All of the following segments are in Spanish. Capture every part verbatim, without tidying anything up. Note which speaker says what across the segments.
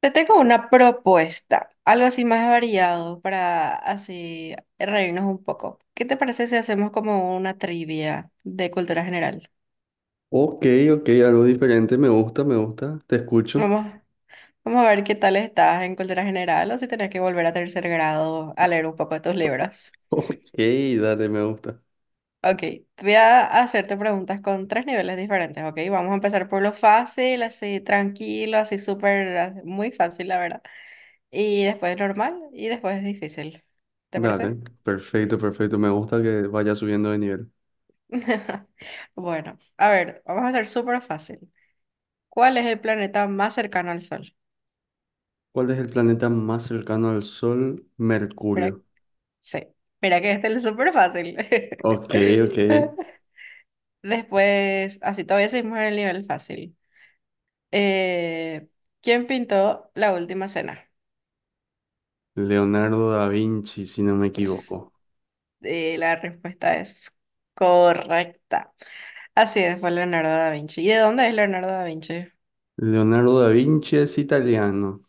Speaker 1: Te tengo una propuesta, algo así más variado para así reírnos un poco. ¿Qué te parece si hacemos como una trivia de cultura general?
Speaker 2: Ok, ok, algo diferente, me gusta, me gusta, te escucho.
Speaker 1: Vamos, vamos a ver qué tal estás en cultura general o si tenés que volver a tercer grado a leer un poco de tus libros.
Speaker 2: Ok, dale, me gusta.
Speaker 1: Ok, voy a hacerte preguntas con tres niveles diferentes, ¿ok? Vamos a empezar por lo fácil, así tranquilo, así súper, ah, muy fácil, la verdad. Y después normal y después difícil. ¿Te
Speaker 2: Dale,
Speaker 1: parece?
Speaker 2: perfecto, perfecto, me gusta que vaya subiendo de nivel.
Speaker 1: Bueno, a ver, vamos a hacer súper fácil. ¿Cuál es el planeta más cercano al Sol?
Speaker 2: ¿Cuál es el planeta más cercano al Sol?
Speaker 1: Mira,
Speaker 2: Mercurio.
Speaker 1: sí, mira que este es súper fácil.
Speaker 2: Ok, ok.
Speaker 1: Después, así todavía seguimos en el nivel fácil. Eh, ¿Quién pintó la última cena?
Speaker 2: Leonardo da Vinci, si no me
Speaker 1: Ps,
Speaker 2: equivoco.
Speaker 1: eh, la respuesta es correcta. Así es, fue Leonardo da Vinci. ¿Y de dónde es Leonardo da Vinci?
Speaker 2: Leonardo da Vinci es italiano.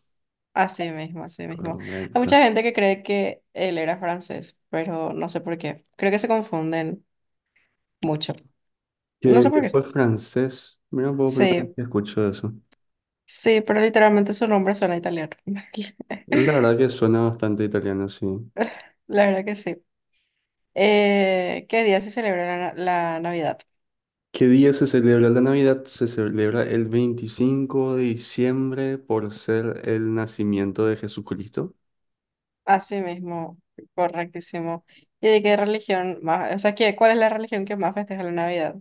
Speaker 1: Así mismo, así mismo. Hay
Speaker 2: Correcto.
Speaker 1: mucha gente que cree que él era francés, pero no sé por qué. Creo que se confunden mucho. No
Speaker 2: Que,
Speaker 1: sé por
Speaker 2: que fue
Speaker 1: qué.
Speaker 2: francés. Mira, un poco primero
Speaker 1: Sí,
Speaker 2: que escucho eso.
Speaker 1: sí, pero literalmente su nombre suena italiano.
Speaker 2: La verdad que suena bastante italiano, sí.
Speaker 1: La verdad que sí. Eh, ¿qué día se celebra la, la Navidad?
Speaker 2: ¿Qué día se celebra la Navidad? Se celebra el veinticinco de diciembre por ser el nacimiento de Jesucristo.
Speaker 1: Así mismo, correctísimo. ¿Y de qué religión más? O sea, ¿qué, cuál es la religión que más festeja la Navidad?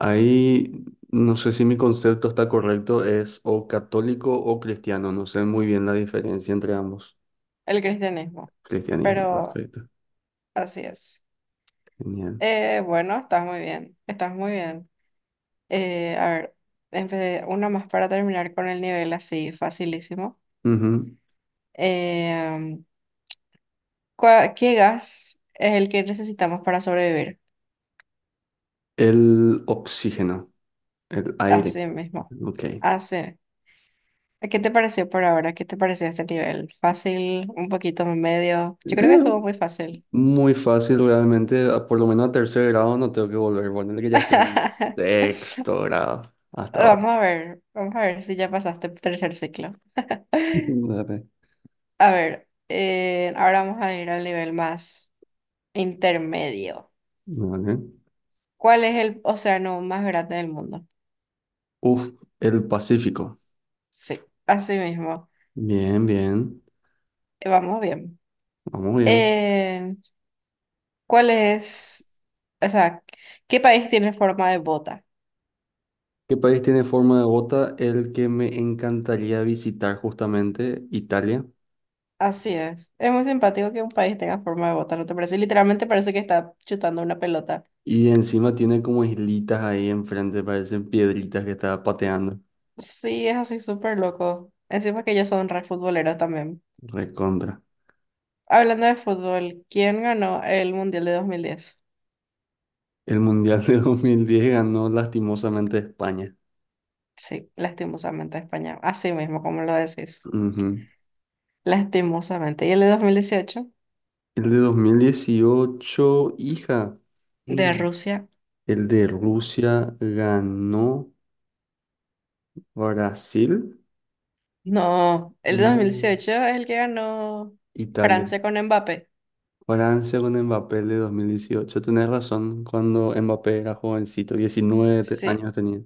Speaker 2: Ahí no sé si mi concepto está correcto, es o católico o cristiano, no sé muy bien la diferencia entre ambos.
Speaker 1: El cristianismo.
Speaker 2: Cristianismo,
Speaker 1: Pero
Speaker 2: perfecto.
Speaker 1: así es.
Speaker 2: Genial.
Speaker 1: Eh, bueno, estás muy bien, estás muy bien. Eh, a ver, empe- una más para terminar con el nivel así, facilísimo.
Speaker 2: Ujú.
Speaker 1: Em, ¿cuá- ¿qué gas es el que necesitamos para sobrevivir?
Speaker 2: El oxígeno, el aire.
Speaker 1: Así mismo.
Speaker 2: Ok. Eh,
Speaker 1: Así. ¿Qué te pareció por ahora? ¿Qué te pareció este nivel? ¿Fácil? ¿Un poquito medio? Yo creo que estuvo muy fácil.
Speaker 2: muy fácil realmente, a- por lo menos a tercer grado no tengo que volver, bueno, que ya estoy en sexto grado hasta ahora.
Speaker 1: Vamos a ver, vamos a ver si ya pasaste el tercer ciclo.
Speaker 2: Dale,
Speaker 1: A ver, eh, ahora vamos a ir al nivel más intermedio.
Speaker 2: dale.
Speaker 1: ¿Cuál es el océano más grande del mundo?
Speaker 2: Uf, el Pacífico.
Speaker 1: Sí, así mismo.
Speaker 2: Bien, bien.
Speaker 1: Eh, Vamos bien.
Speaker 2: Vamos bien.
Speaker 1: Eh, ¿Cuál es, o sea, qué país tiene forma de bota?
Speaker 2: ¿Qué país tiene forma de bota? El que me encantaría visitar justamente, Italia.
Speaker 1: Así es. Es muy simpático que un país tenga forma de bota, ¿no te parece? Literalmente parece que está chutando una pelota.
Speaker 2: Y encima tiene como islitas ahí enfrente, parecen piedritas que estaba pateando.
Speaker 1: Sí, es así súper loco. Encima que ellos son re futboleros también.
Speaker 2: Recontra.
Speaker 1: Hablando de fútbol, ¿quién ganó el Mundial de dos mil diez?
Speaker 2: El Mundial de dos mil diez ganó, lastimosamente, España.
Speaker 1: Sí, lastimosamente España. Así mismo, como lo decís.
Speaker 2: Ujú.
Speaker 1: Lastimosamente. ¿Y el de dos mil dieciocho?
Speaker 2: El de dos mil dieciocho, hija.
Speaker 1: De
Speaker 2: Mm.
Speaker 1: Rusia.
Speaker 2: El de Rusia ganó Brasil.
Speaker 1: No, el
Speaker 2: No,
Speaker 1: dos mil dieciocho es el que ganó
Speaker 2: Italia.
Speaker 1: Francia con Mbappé.
Speaker 2: ¿Francia con Mbappé el de dos mil dieciocho? Tenés razón, cuando Mbappé era jovencito, diecinueve te-
Speaker 1: Sí,
Speaker 2: años tenía.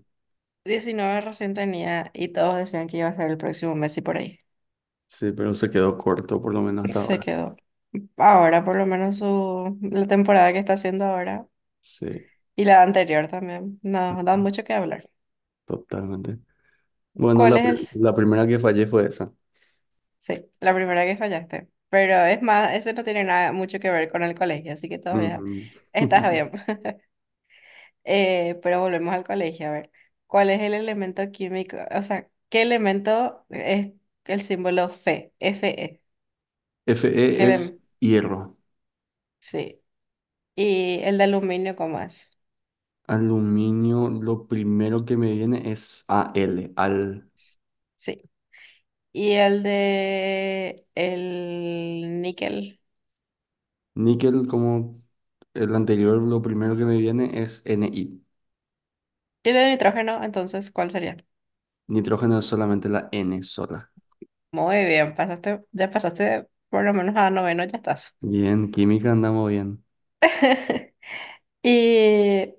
Speaker 1: diecinueve recién tenía y todos decían que iba a ser el próximo Messi por ahí.
Speaker 2: Sí, pero se quedó corto por lo menos hasta
Speaker 1: Se
Speaker 2: ahora.
Speaker 1: quedó. Ahora, por lo menos su, la temporada que está haciendo ahora
Speaker 2: Sí,
Speaker 1: y la anterior también, nos da mucho que hablar.
Speaker 2: totalmente. Bueno,
Speaker 1: ¿Cuál
Speaker 2: la,
Speaker 1: es el...?
Speaker 2: pri-
Speaker 1: S-
Speaker 2: la primera que fallé fue esa.
Speaker 1: Sí, la primera que fallaste. Pero es más, eso no tiene nada mucho que ver con el colegio, así que todavía
Speaker 2: Ujú.
Speaker 1: estás bien. Eh, pero volvemos al colegio, a ver, ¿cuál es el elemento químico? O sea, ¿qué elemento es el símbolo Fe? Fe. ¿Qué
Speaker 2: Fe es
Speaker 1: elem-
Speaker 2: hierro.
Speaker 1: sí. Y el de aluminio, ¿cómo es?
Speaker 2: Aluminio, lo primero que me viene es Al. Al
Speaker 1: Sí. Y el de el níquel.
Speaker 2: níquel, como el anterior, lo primero que me viene es Ni.
Speaker 1: Y el de nitrógeno, entonces, ¿cuál sería?
Speaker 2: Nitrógeno es solamente la N sola.
Speaker 1: Muy bien, pasaste, ya pasaste por lo menos a noveno, ya estás.
Speaker 2: Bien, química andamos bien.
Speaker 1: ¿Y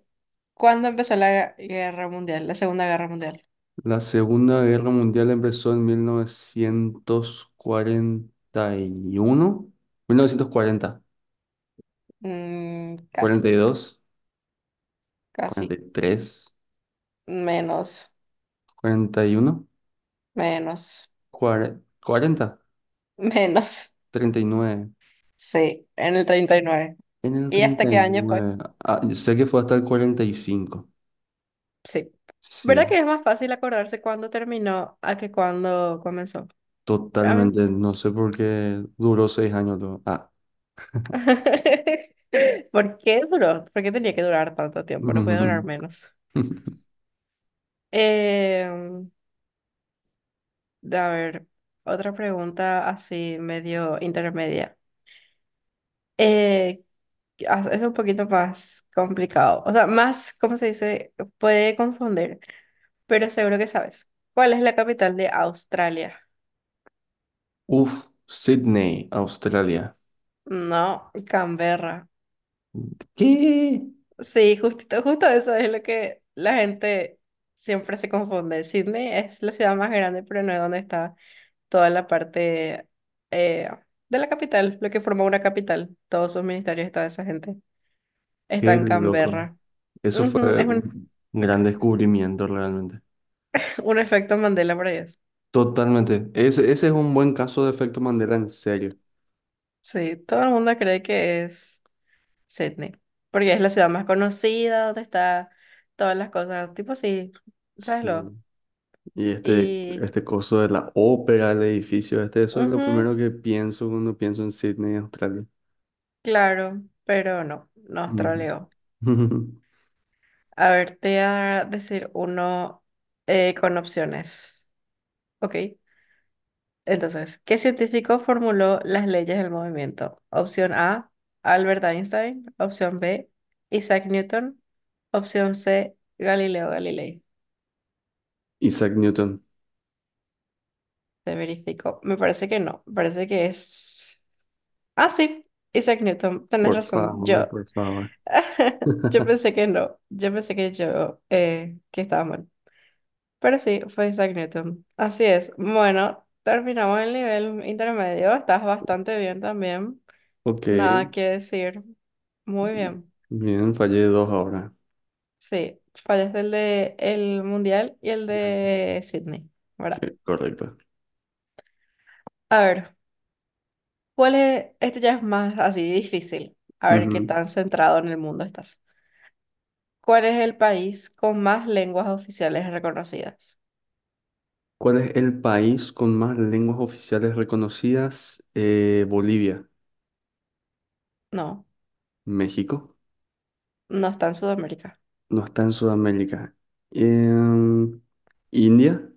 Speaker 1: cuándo empezó la guerra mundial, la Segunda Guerra Mundial?
Speaker 2: La Segunda Guerra Mundial empezó en mil novecientos cuarenta y uno, mil novecientos cuarenta,
Speaker 1: Mm, casi.
Speaker 2: cuarenta y dos,
Speaker 1: Casi.
Speaker 2: cuarenta y tres,
Speaker 1: Menos,
Speaker 2: cuarenta y uno,
Speaker 1: menos,
Speaker 2: cuare- cuarenta,
Speaker 1: menos.
Speaker 2: treinta y nueve.
Speaker 1: Sí, en el treinta. ¿Y nueve
Speaker 2: En el
Speaker 1: y hasta qué año fue?
Speaker 2: treinta y nueve. Ah, yo sé que fue hasta el cuarenta y cinco.
Speaker 1: Sí. ¿Verdad
Speaker 2: Sí,
Speaker 1: que es más fácil acordarse cuándo terminó a que cuándo comenzó? A mí-
Speaker 2: totalmente. No sé por qué duró seis años luego. Ah.
Speaker 1: ¿Por qué duró? ¿Por qué tenía que durar tanto tiempo? No puede durar menos. Em, a ver, otra pregunta así medio intermedia. Eh, ah, es un poquito más complicado. O sea, más, ¿cómo se dice? Puede confundir. Pero seguro que sabes. ¿Cuál es la capital de Australia?
Speaker 2: Uf, Sydney, Australia.
Speaker 1: No, Canberra.
Speaker 2: ¿Qué?
Speaker 1: Sí, justito, justo eso es lo que la gente siempre se confunde. Sydney es la ciudad más grande, pero no es donde está toda la parte eh, de la capital, lo que forma una capital. Todos sus ministerios y toda esa gente está
Speaker 2: Qué
Speaker 1: en
Speaker 2: loco.
Speaker 1: Canberra.
Speaker 2: Eso
Speaker 1: Ujú,
Speaker 2: fue
Speaker 1: es un,
Speaker 2: un un gran descubrimiento realmente.
Speaker 1: un efecto Mandela para ellos.
Speaker 2: Totalmente. Ese, ese es un buen caso de efecto Mandela, en serio.
Speaker 1: Sí, todo el mundo cree que es Sydney, porque es la ciudad más conocida, donde está todas las cosas, tipo sí, ¿sabes lo?
Speaker 2: Sí. Y este,
Speaker 1: Y,
Speaker 2: este coso de la ópera, el edificio, este, eso es lo primero
Speaker 1: ujú,
Speaker 2: que pienso cuando pienso en Sydney, Australia.
Speaker 1: claro, pero no, nos
Speaker 2: Ujú.
Speaker 1: troleó. A ver, te voy a decir uno eh, con opciones, ¿ok? Entonces, ¿qué científico formuló las leyes del movimiento? Opción A, Albert Einstein, opción B, Isaac Newton, opción C, Galileo Galilei.
Speaker 2: Isaac Newton,
Speaker 1: Te verifico. Me parece que no, me parece que es... Ah, sí, Isaac Newton, tenés
Speaker 2: por
Speaker 1: razón.
Speaker 2: favor,
Speaker 1: Yo,
Speaker 2: por favor.
Speaker 1: yo pensé que no, yo pensé que yo, eh, que estaba mal. Pero sí, fue Isaac Newton. Así es. Bueno, terminamos el nivel intermedio. Estás bastante bien también.
Speaker 2: Ok.
Speaker 1: Nada que decir. Muy bien.
Speaker 2: Bien, fallé dos ahora.
Speaker 1: Sí, fallaste el de el mundial y el
Speaker 2: Ok,
Speaker 1: de Sydney, ¿verdad?
Speaker 2: correcto.
Speaker 1: A ver, ¿cuál es? Este ya es más así difícil. A ver qué
Speaker 2: Ujú.
Speaker 1: tan centrado en el mundo estás. ¿Cuál es el país con más lenguas oficiales reconocidas?
Speaker 2: ¿Cuál es el país con más lenguas oficiales reconocidas? Eh, Bolivia,
Speaker 1: No,
Speaker 2: México,
Speaker 1: no está en Sudamérica.
Speaker 2: no está en Sudamérica. Em, India,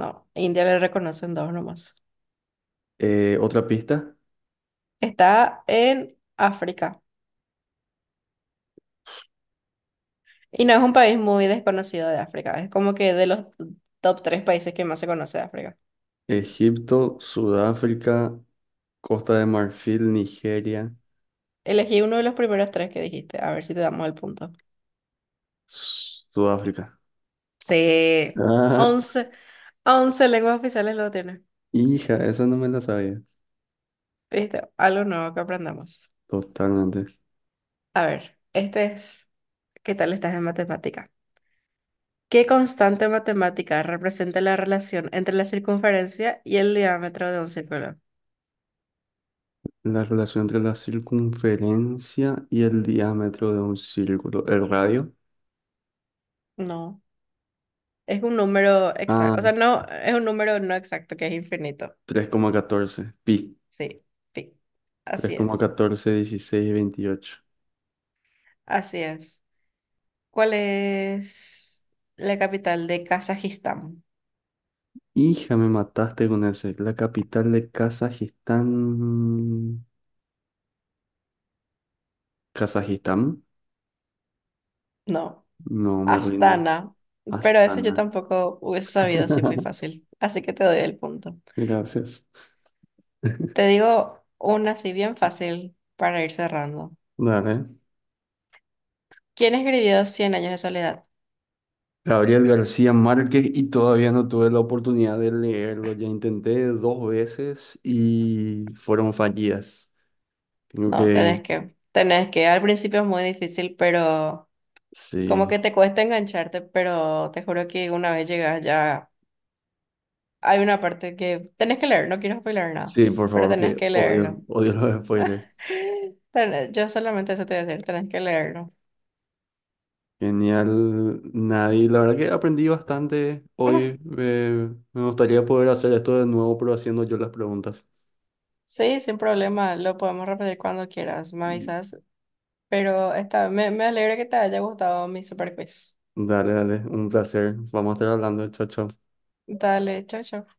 Speaker 1: No, India le reconocen dos nomás.
Speaker 2: eh, otra pista.
Speaker 1: Está en África. Y no es un país muy desconocido de África. Es como que de los top tres países que más se conoce de África.
Speaker 2: Egipto, Sudáfrica, Costa de Marfil, Nigeria,
Speaker 1: Elegí uno de los primeros tres que dijiste. A ver si te damos el punto.
Speaker 2: Sudáfrica.
Speaker 1: Sí.
Speaker 2: Ah,
Speaker 1: Once, once lenguas oficiales lo tiene.
Speaker 2: hija, esa no me la sabía.
Speaker 1: ¿Viste? Algo nuevo que aprendamos.
Speaker 2: Totalmente.
Speaker 1: A ver, este es... ¿Qué tal estás en matemática? ¿Qué constante matemática representa la relación entre la circunferencia y el diámetro de un círculo?
Speaker 2: La relación entre la circunferencia y el diámetro de un círculo. El radio.
Speaker 1: No, es un número
Speaker 2: Ah,
Speaker 1: exacto. O sea, no, es un número no exacto que es infinito.
Speaker 2: tres coma catorce, pi.
Speaker 1: Sí, pi.
Speaker 2: Tres
Speaker 1: Así
Speaker 2: coma
Speaker 1: es.
Speaker 2: catorce dieciséis veintiocho.
Speaker 1: Así es. ¿Cuál es la capital de Kazajistán?
Speaker 2: Hija, me mataste con ese. La capital de Kazajistán. ¿Kazajistán?
Speaker 1: No,
Speaker 2: No, me rindo.
Speaker 1: Astana. Pero eso yo
Speaker 2: Astana.
Speaker 1: tampoco hubiese sabido así muy fácil. Así que te doy el punto.
Speaker 2: Gracias.
Speaker 1: Te digo una así bien fácil para ir cerrando.
Speaker 2: Dale.
Speaker 1: ¿Quién escribió Cien años de soledad?
Speaker 2: Gabriel García Márquez, y todavía no tuve la oportunidad de leerlo. Ya intenté dos veces y fueron fallidas. Tengo
Speaker 1: No,
Speaker 2: que...
Speaker 1: tenés que, tenés que. Al principio es muy difícil, pero como
Speaker 2: Sí.
Speaker 1: que te cuesta engancharte, pero te juro que una vez llegas ya hay una parte que tenés que leer, no quiero spoiler nada,
Speaker 2: Sí, por
Speaker 1: pero
Speaker 2: favor, que
Speaker 1: tenés que
Speaker 2: odio,
Speaker 1: leerlo.
Speaker 2: odio los spoilers.
Speaker 1: Tenés- Yo solamente eso te voy a decir, tenés que leerlo.
Speaker 2: Genial, Nadie. La verdad que aprendí bastante hoy. Eh, me gustaría poder hacer esto de nuevo, pero haciendo yo las preguntas.
Speaker 1: Sí, sin problema, lo podemos repetir cuando quieras, me avisas, pero está, me, me alegra que te haya gustado mi super quiz.
Speaker 2: Dale, dale, un placer. Vamos a estar hablando, chao, chao.
Speaker 1: Dale, chao, chao.